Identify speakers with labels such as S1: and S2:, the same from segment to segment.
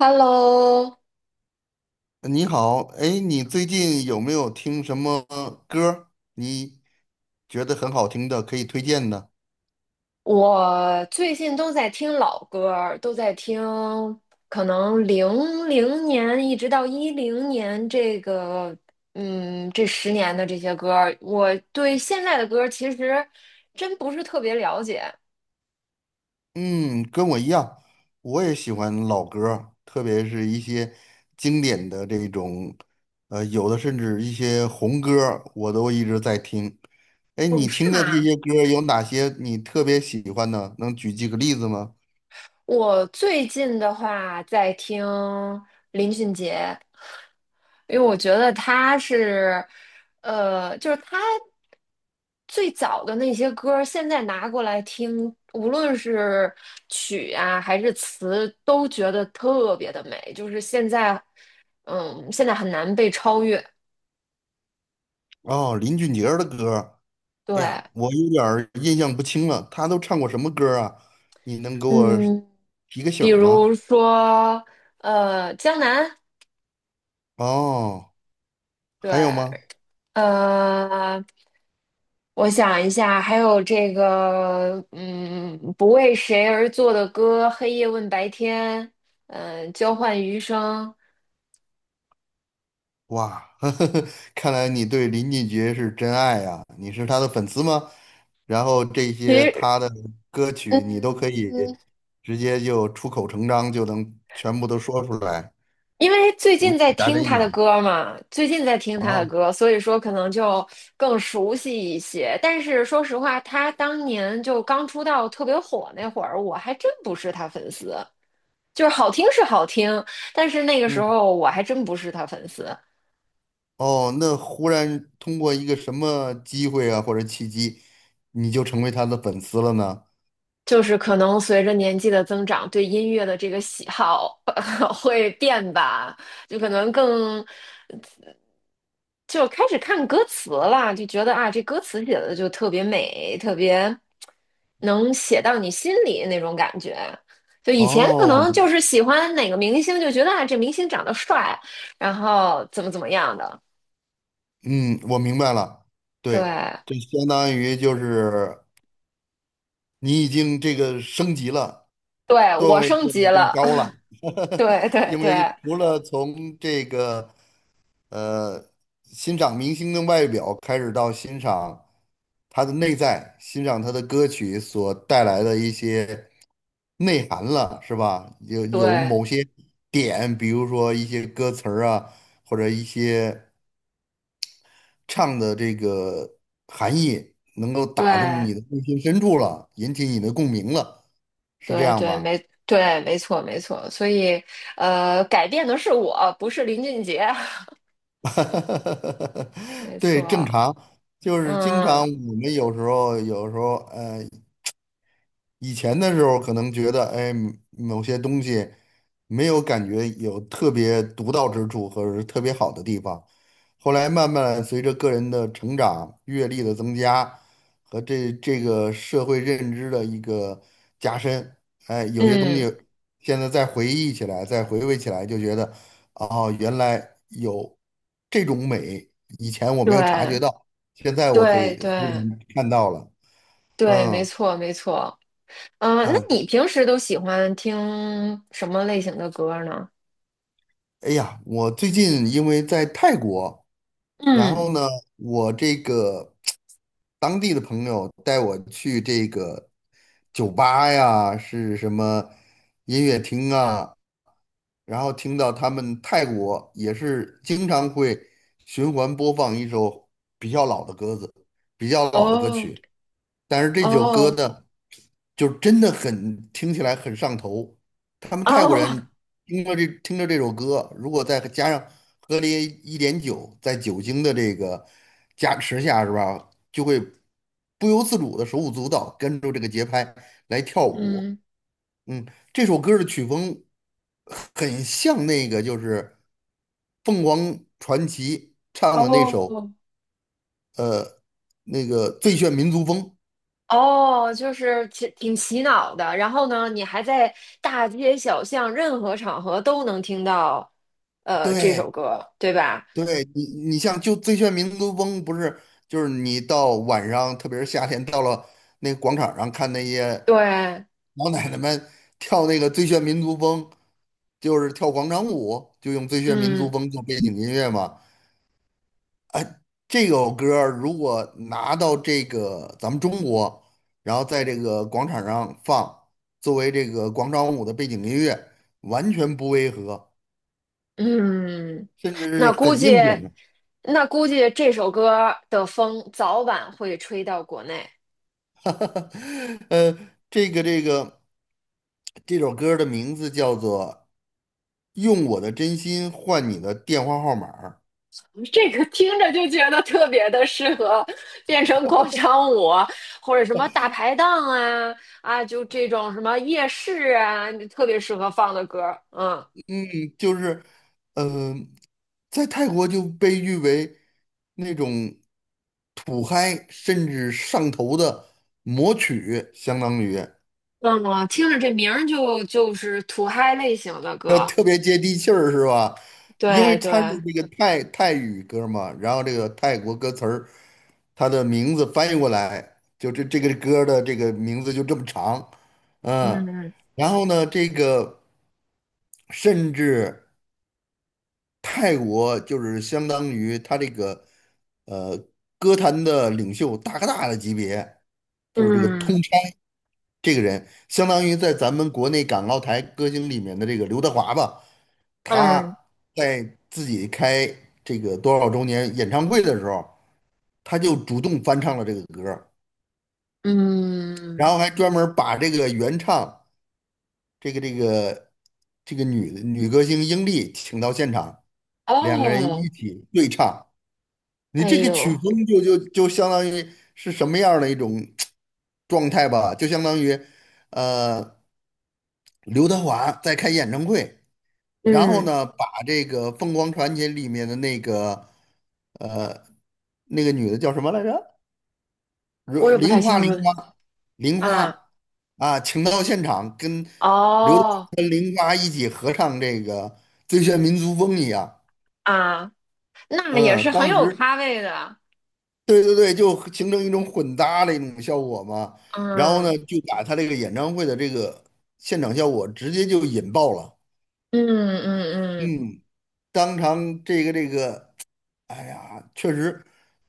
S1: Hello，
S2: 你好，哎，你最近有没有听什么歌儿你觉得很好听的，可以推荐的？
S1: 我最近都在听老歌儿，都在听可能00年一直到10年这个，嗯，这十年的这些歌儿，我对现在的歌儿其实真不是特别了解。
S2: 嗯，跟我一样，我也喜欢老歌儿特别是一些经典的这种，有的甚至一些红歌儿我都一直在听。哎，
S1: 哦，
S2: 你
S1: 是
S2: 听的这
S1: 吗？
S2: 些歌儿有哪些你特别喜欢的，能举几个例子吗？
S1: 我最近的话在听林俊杰，因为我觉得他是，就是他最早的那些歌儿现在拿过来听，无论是曲啊还是词，都觉得特别的美。就是现在，嗯，现在很难被超越。
S2: 哦，林俊杰儿的歌儿哎
S1: 对，
S2: 呀，我有点儿印象不清了，他都唱过什么歌啊？你能给我
S1: 嗯，
S2: 提个醒
S1: 比
S2: 儿吗？
S1: 如说，江南，
S2: 哦，还有吗？
S1: 对，呃，我想一下，还有这个，嗯，不为谁而作的歌，黑夜问白天，嗯，交换余生。
S2: 哇，呵呵看来你对林俊杰是真爱呀、你是他的粉丝吗？然后这
S1: 其
S2: 些
S1: 实，
S2: 他的歌
S1: 嗯，
S2: 曲你都可以直接就出口成章，就能全部都说出来，
S1: 因为最
S2: 如
S1: 近
S2: 数
S1: 在
S2: 家
S1: 听
S2: 珍一
S1: 他的
S2: 样
S1: 歌嘛，最近在听他的
S2: 啊。
S1: 歌，所以说可能就更熟悉一些。但是说实话，他当年就刚出道特别火那会儿，我还真不是他粉丝。就是好听是好听，但是那个时
S2: 嗯，
S1: 候我还真不是他粉丝。
S2: 哦，那忽然通过一个什么机会啊或者契机，你就成为他的粉丝了呢？
S1: 就是可能随着年纪的增长，对音乐的这个喜好 会变吧，就可能更就开始看歌词了，就觉得啊，这歌词写的就特别美，特别能写到你心里那种感觉。就以前可能
S2: 哦，
S1: 就是喜欢哪个明星，就觉得啊，这明星长得帅，然后怎么怎么样的。
S2: 嗯，我明白了，
S1: 对，
S2: 对，这相当于就是你已经这个升级了，
S1: 对，
S2: 段
S1: 我
S2: 位
S1: 升
S2: 变
S1: 级
S2: 得更
S1: 了，
S2: 高了，
S1: 对 对
S2: 因
S1: 对
S2: 为除了从这个呃欣赏明星的外表开始，到欣赏他的内在，欣赏他的歌曲所带来的一些内涵了，是吧？有
S1: 对
S2: 某些点，比如说一些歌词儿啊，或者一些。唱的这个含义能够打动你
S1: 对。
S2: 的内心深处了，引起你的共鸣了，是这
S1: 对
S2: 样
S1: 对，
S2: 吧？
S1: 没对，没错没错，所以改变的是我，不是林俊杰，没
S2: 对，正
S1: 错，
S2: 常，就是经常
S1: 嗯
S2: 我们有时候以前的时候可能觉得，哎，某些东西没有感觉有特别独到之处或者是特别好的地方，后来慢慢随着个人的成长、阅历的增加和这个社会认知的一个加深，哎，有些东西
S1: 嗯，
S2: 现在再回忆起来、再回味起来，就觉得，哦，原来有这种美，以前我没有察觉
S1: 对
S2: 到，现在我可
S1: 对
S2: 以忽
S1: 对
S2: 然看到了，
S1: 对，没
S2: 嗯。
S1: 错没错，嗯、那
S2: 啊，
S1: 你平时都喜欢听什么类型的歌呢？
S2: 哎呀，我最近因为在泰国，然
S1: 嗯，
S2: 后呢，我这个当地的朋友带我去这个酒吧呀，是什么音乐厅啊，然后听到他们泰国也是经常会循环播放一首比较老的歌子，比较老的歌
S1: 哦
S2: 曲。但是这首歌
S1: 哦
S2: 呢，就真的很听起来很上头。他们泰国
S1: 哦，
S2: 人听着这首歌，如果再加上喝了一点酒，在酒精的这个加持下，是吧，就会不由自主的手舞足蹈，跟着这个节拍来跳舞。
S1: 嗯
S2: 嗯，这首歌的曲风很像那个就是凤凰传奇唱的那首
S1: 哦。
S2: 那个《最炫民族风》。
S1: 哦，就是挺洗脑的，然后呢，你还在大街小巷、任何场合都能听到，这
S2: 对，
S1: 首歌，对吧？
S2: 对你，你像就《最炫民族风》，不是就是你到晚上，特别是夏天，到了那个广场上看那些
S1: 对，
S2: 老奶奶们跳那个《最炫民族风》，就是跳广场舞，就用《最炫民族
S1: 嗯
S2: 风》做背景音乐嘛。这首歌儿如果拿到这个咱们中国，然后在这个广场上放，作为这个广场舞的背景音乐，完全不违和，
S1: 嗯，
S2: 甚至是
S1: 那估
S2: 很
S1: 计，
S2: 应景的。
S1: 那估计这首歌的风早晚会吹到国内。
S2: 呃，这个这首歌的名字叫做《用我的真心换你的电话号码儿
S1: 这个听着就觉得特别的适合变成广场舞，或者什么大排档啊，就这种什么夜市啊，特别适合放的歌儿，嗯。
S2: 嗯，就是，呃，在泰国就被誉为那种土嗨甚至上头的魔曲，相当于。
S1: 嗯，我听着这名儿就是土嗨类型的
S2: 那
S1: 歌，
S2: 特别接地气儿是吧？因为
S1: 对
S2: 它是
S1: 对，
S2: 这个泰语歌嘛，然后这个泰国歌词儿，它的名字翻译过来，这个歌的这个名字就这么长，嗯，
S1: 嗯
S2: 然后呢，这个甚至泰国就是相当于他这个呃歌坛的领袖大哥大的级别，就是这个通。
S1: 嗯
S2: 这个人相当于在咱们国内港澳台歌星里面的这个刘德华吧，他
S1: 嗯
S2: 在自己开这个多少周年演唱会的时候，他就主动翻唱了这个歌儿然
S1: 嗯，
S2: 后还专门儿把这个原唱这个这个这个女歌星英丽请到现场，两个人
S1: 哦，
S2: 一起对唱。你
S1: 哎
S2: 这个
S1: 呦，
S2: 曲风就相当于是什么样儿的一种状态吧？就相当于，呃。刘德华在开演唱会，然后
S1: 嗯，
S2: 呢，把这个《凤凰传奇》里面的那个呃那个女的叫什么来着？
S1: 我
S2: 如
S1: 也不太
S2: 玲
S1: 清
S2: 花，玲
S1: 楚
S2: 花，玲
S1: 啊，
S2: 花啊，请到现场跟刘德华
S1: 哦
S2: 跟玲花一起合唱这个《最炫民族风》一样。
S1: 啊，那也
S2: 嗯，
S1: 是很
S2: 当
S1: 有
S2: 时
S1: 咖位的，
S2: 对对对，就形成一种混搭的一种效果嘛。然后呢，
S1: 嗯
S2: 就把他这个演唱会的这个现场效果直接就引爆了。
S1: 嗯嗯嗯，
S2: 嗯，当场这个，哎呀，确实，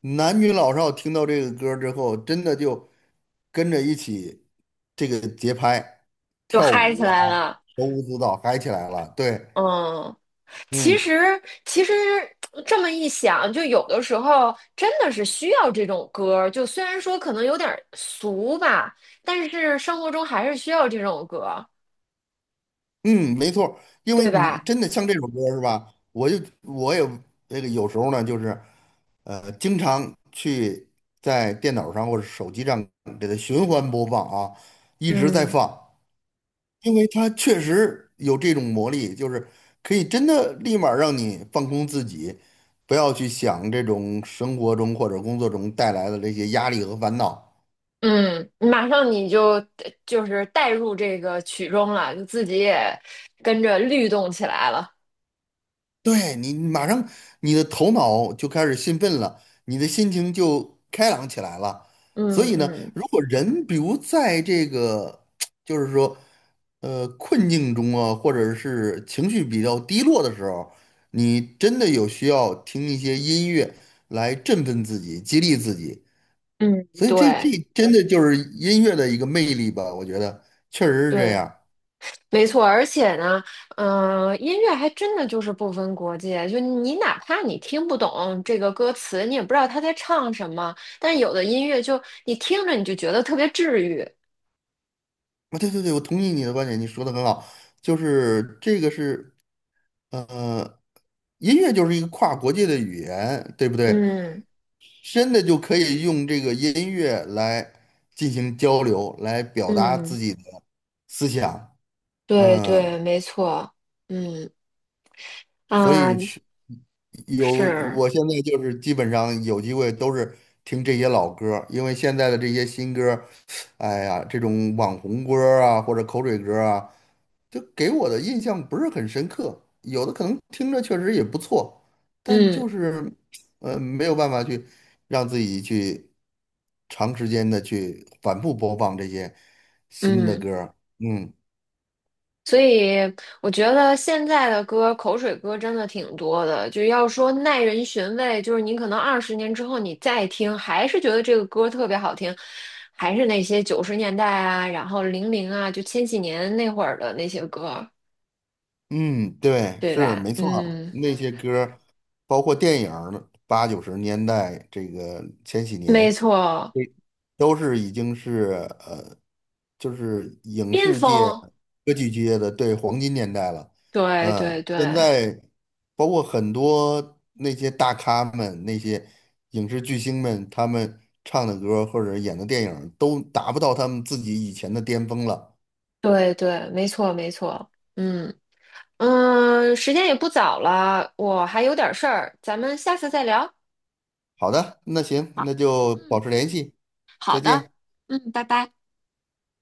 S2: 男女老少听到这个歌儿之后，真的就跟着一起这个节拍
S1: 就
S2: 跳
S1: 嗨起
S2: 舞啊，
S1: 来了，
S2: 手舞足蹈嗨起来了。对，
S1: 嗯。其
S2: 嗯
S1: 实，其实这么一想，就有的时候真的是需要这种歌儿。就虽然说可能有点儿俗吧，但是生活中还是需要这种歌儿，
S2: 嗯，没错儿因为
S1: 对
S2: 你
S1: 吧？
S2: 真的像这首歌儿是吧？我也这个有时候呢，就是经常去在电脑上或者手机上给它循环播放啊，一直在
S1: 嗯，
S2: 放。因为它确实有这种魔力，就是可以真的立马让你放空自己，不要去想这种生活中或者工作中带来的这些压力和烦恼。
S1: 嗯，马上你就是带入这个曲中了，就自己也跟着律动起来了。
S2: 对你马上你的头脑就开始兴奋了，你的心情就开朗起来了。所
S1: 嗯
S2: 以呢，
S1: 嗯
S2: 如果人比如在这个 就是说困境中啊，或者是情绪比较低落的时候，你真的有需要听一些音乐来振奋自己、激励自己。
S1: 嗯，
S2: 所以这
S1: 对
S2: 真的就是音乐的一个魅力吧，我觉得确实是这
S1: 对。
S2: 样。
S1: 没错，而且呢，嗯、音乐还真的就是不分国界，就你哪怕你听不懂这个歌词，你也不知道他在唱什么，但有的音乐就你听着你就觉得特别治愈。
S2: 啊，对对对，我同意你的观点，你说的很好，就是这个是。呃，音乐就是一个跨国界的语言，对不对？
S1: 嗯
S2: 真的就可以用这个音乐来进行交流，来表达
S1: 嗯，
S2: 自己的思想。
S1: 对
S2: 嗯，
S1: 对，没错，嗯
S2: 所
S1: 啊，
S2: 以是有，
S1: 是，
S2: 我现在就是基本上有机会都是听这些老歌儿因为现在的这些新歌儿，哎呀，这种网红歌儿啊或者口水歌儿啊，就给我的印象不是很深刻，有的可能听着确实也不错，但就
S1: 嗯
S2: 是没有办法去让自己去长时间的去反复播放这些新的
S1: 嗯。
S2: 歌儿。嗯
S1: 所以我觉得现在的歌，口水歌真的挺多的。就要说耐人寻味，就是你可能20年之后你再听，还是觉得这个歌特别好听，还是那些90年代啊，然后零零啊，就千禧年那会儿的那些歌，
S2: 嗯，对，
S1: 对
S2: 是
S1: 吧？
S2: 没错儿
S1: 嗯，
S2: 那些歌儿包括电影儿八九十年代这个千禧年，
S1: 没错，
S2: 对，都是已经是呃，就是影
S1: 巅
S2: 视界、
S1: 峰，
S2: 歌剧界的对黄金年代了。
S1: 对
S2: 嗯，
S1: 对
S2: 现
S1: 对
S2: 在包括很多那些大咖们、那些影视巨星们，他们唱的歌或者演的电影都达不到他们自己以前的巅峰了。
S1: 对对，没错没错，嗯嗯，时间也不早了，我还有点事儿，咱们下次再聊。
S2: 好的，那行，
S1: 好，
S2: 那就保
S1: 嗯。
S2: 持联系，
S1: 好
S2: 再
S1: 的，
S2: 见。
S1: 嗯，拜拜。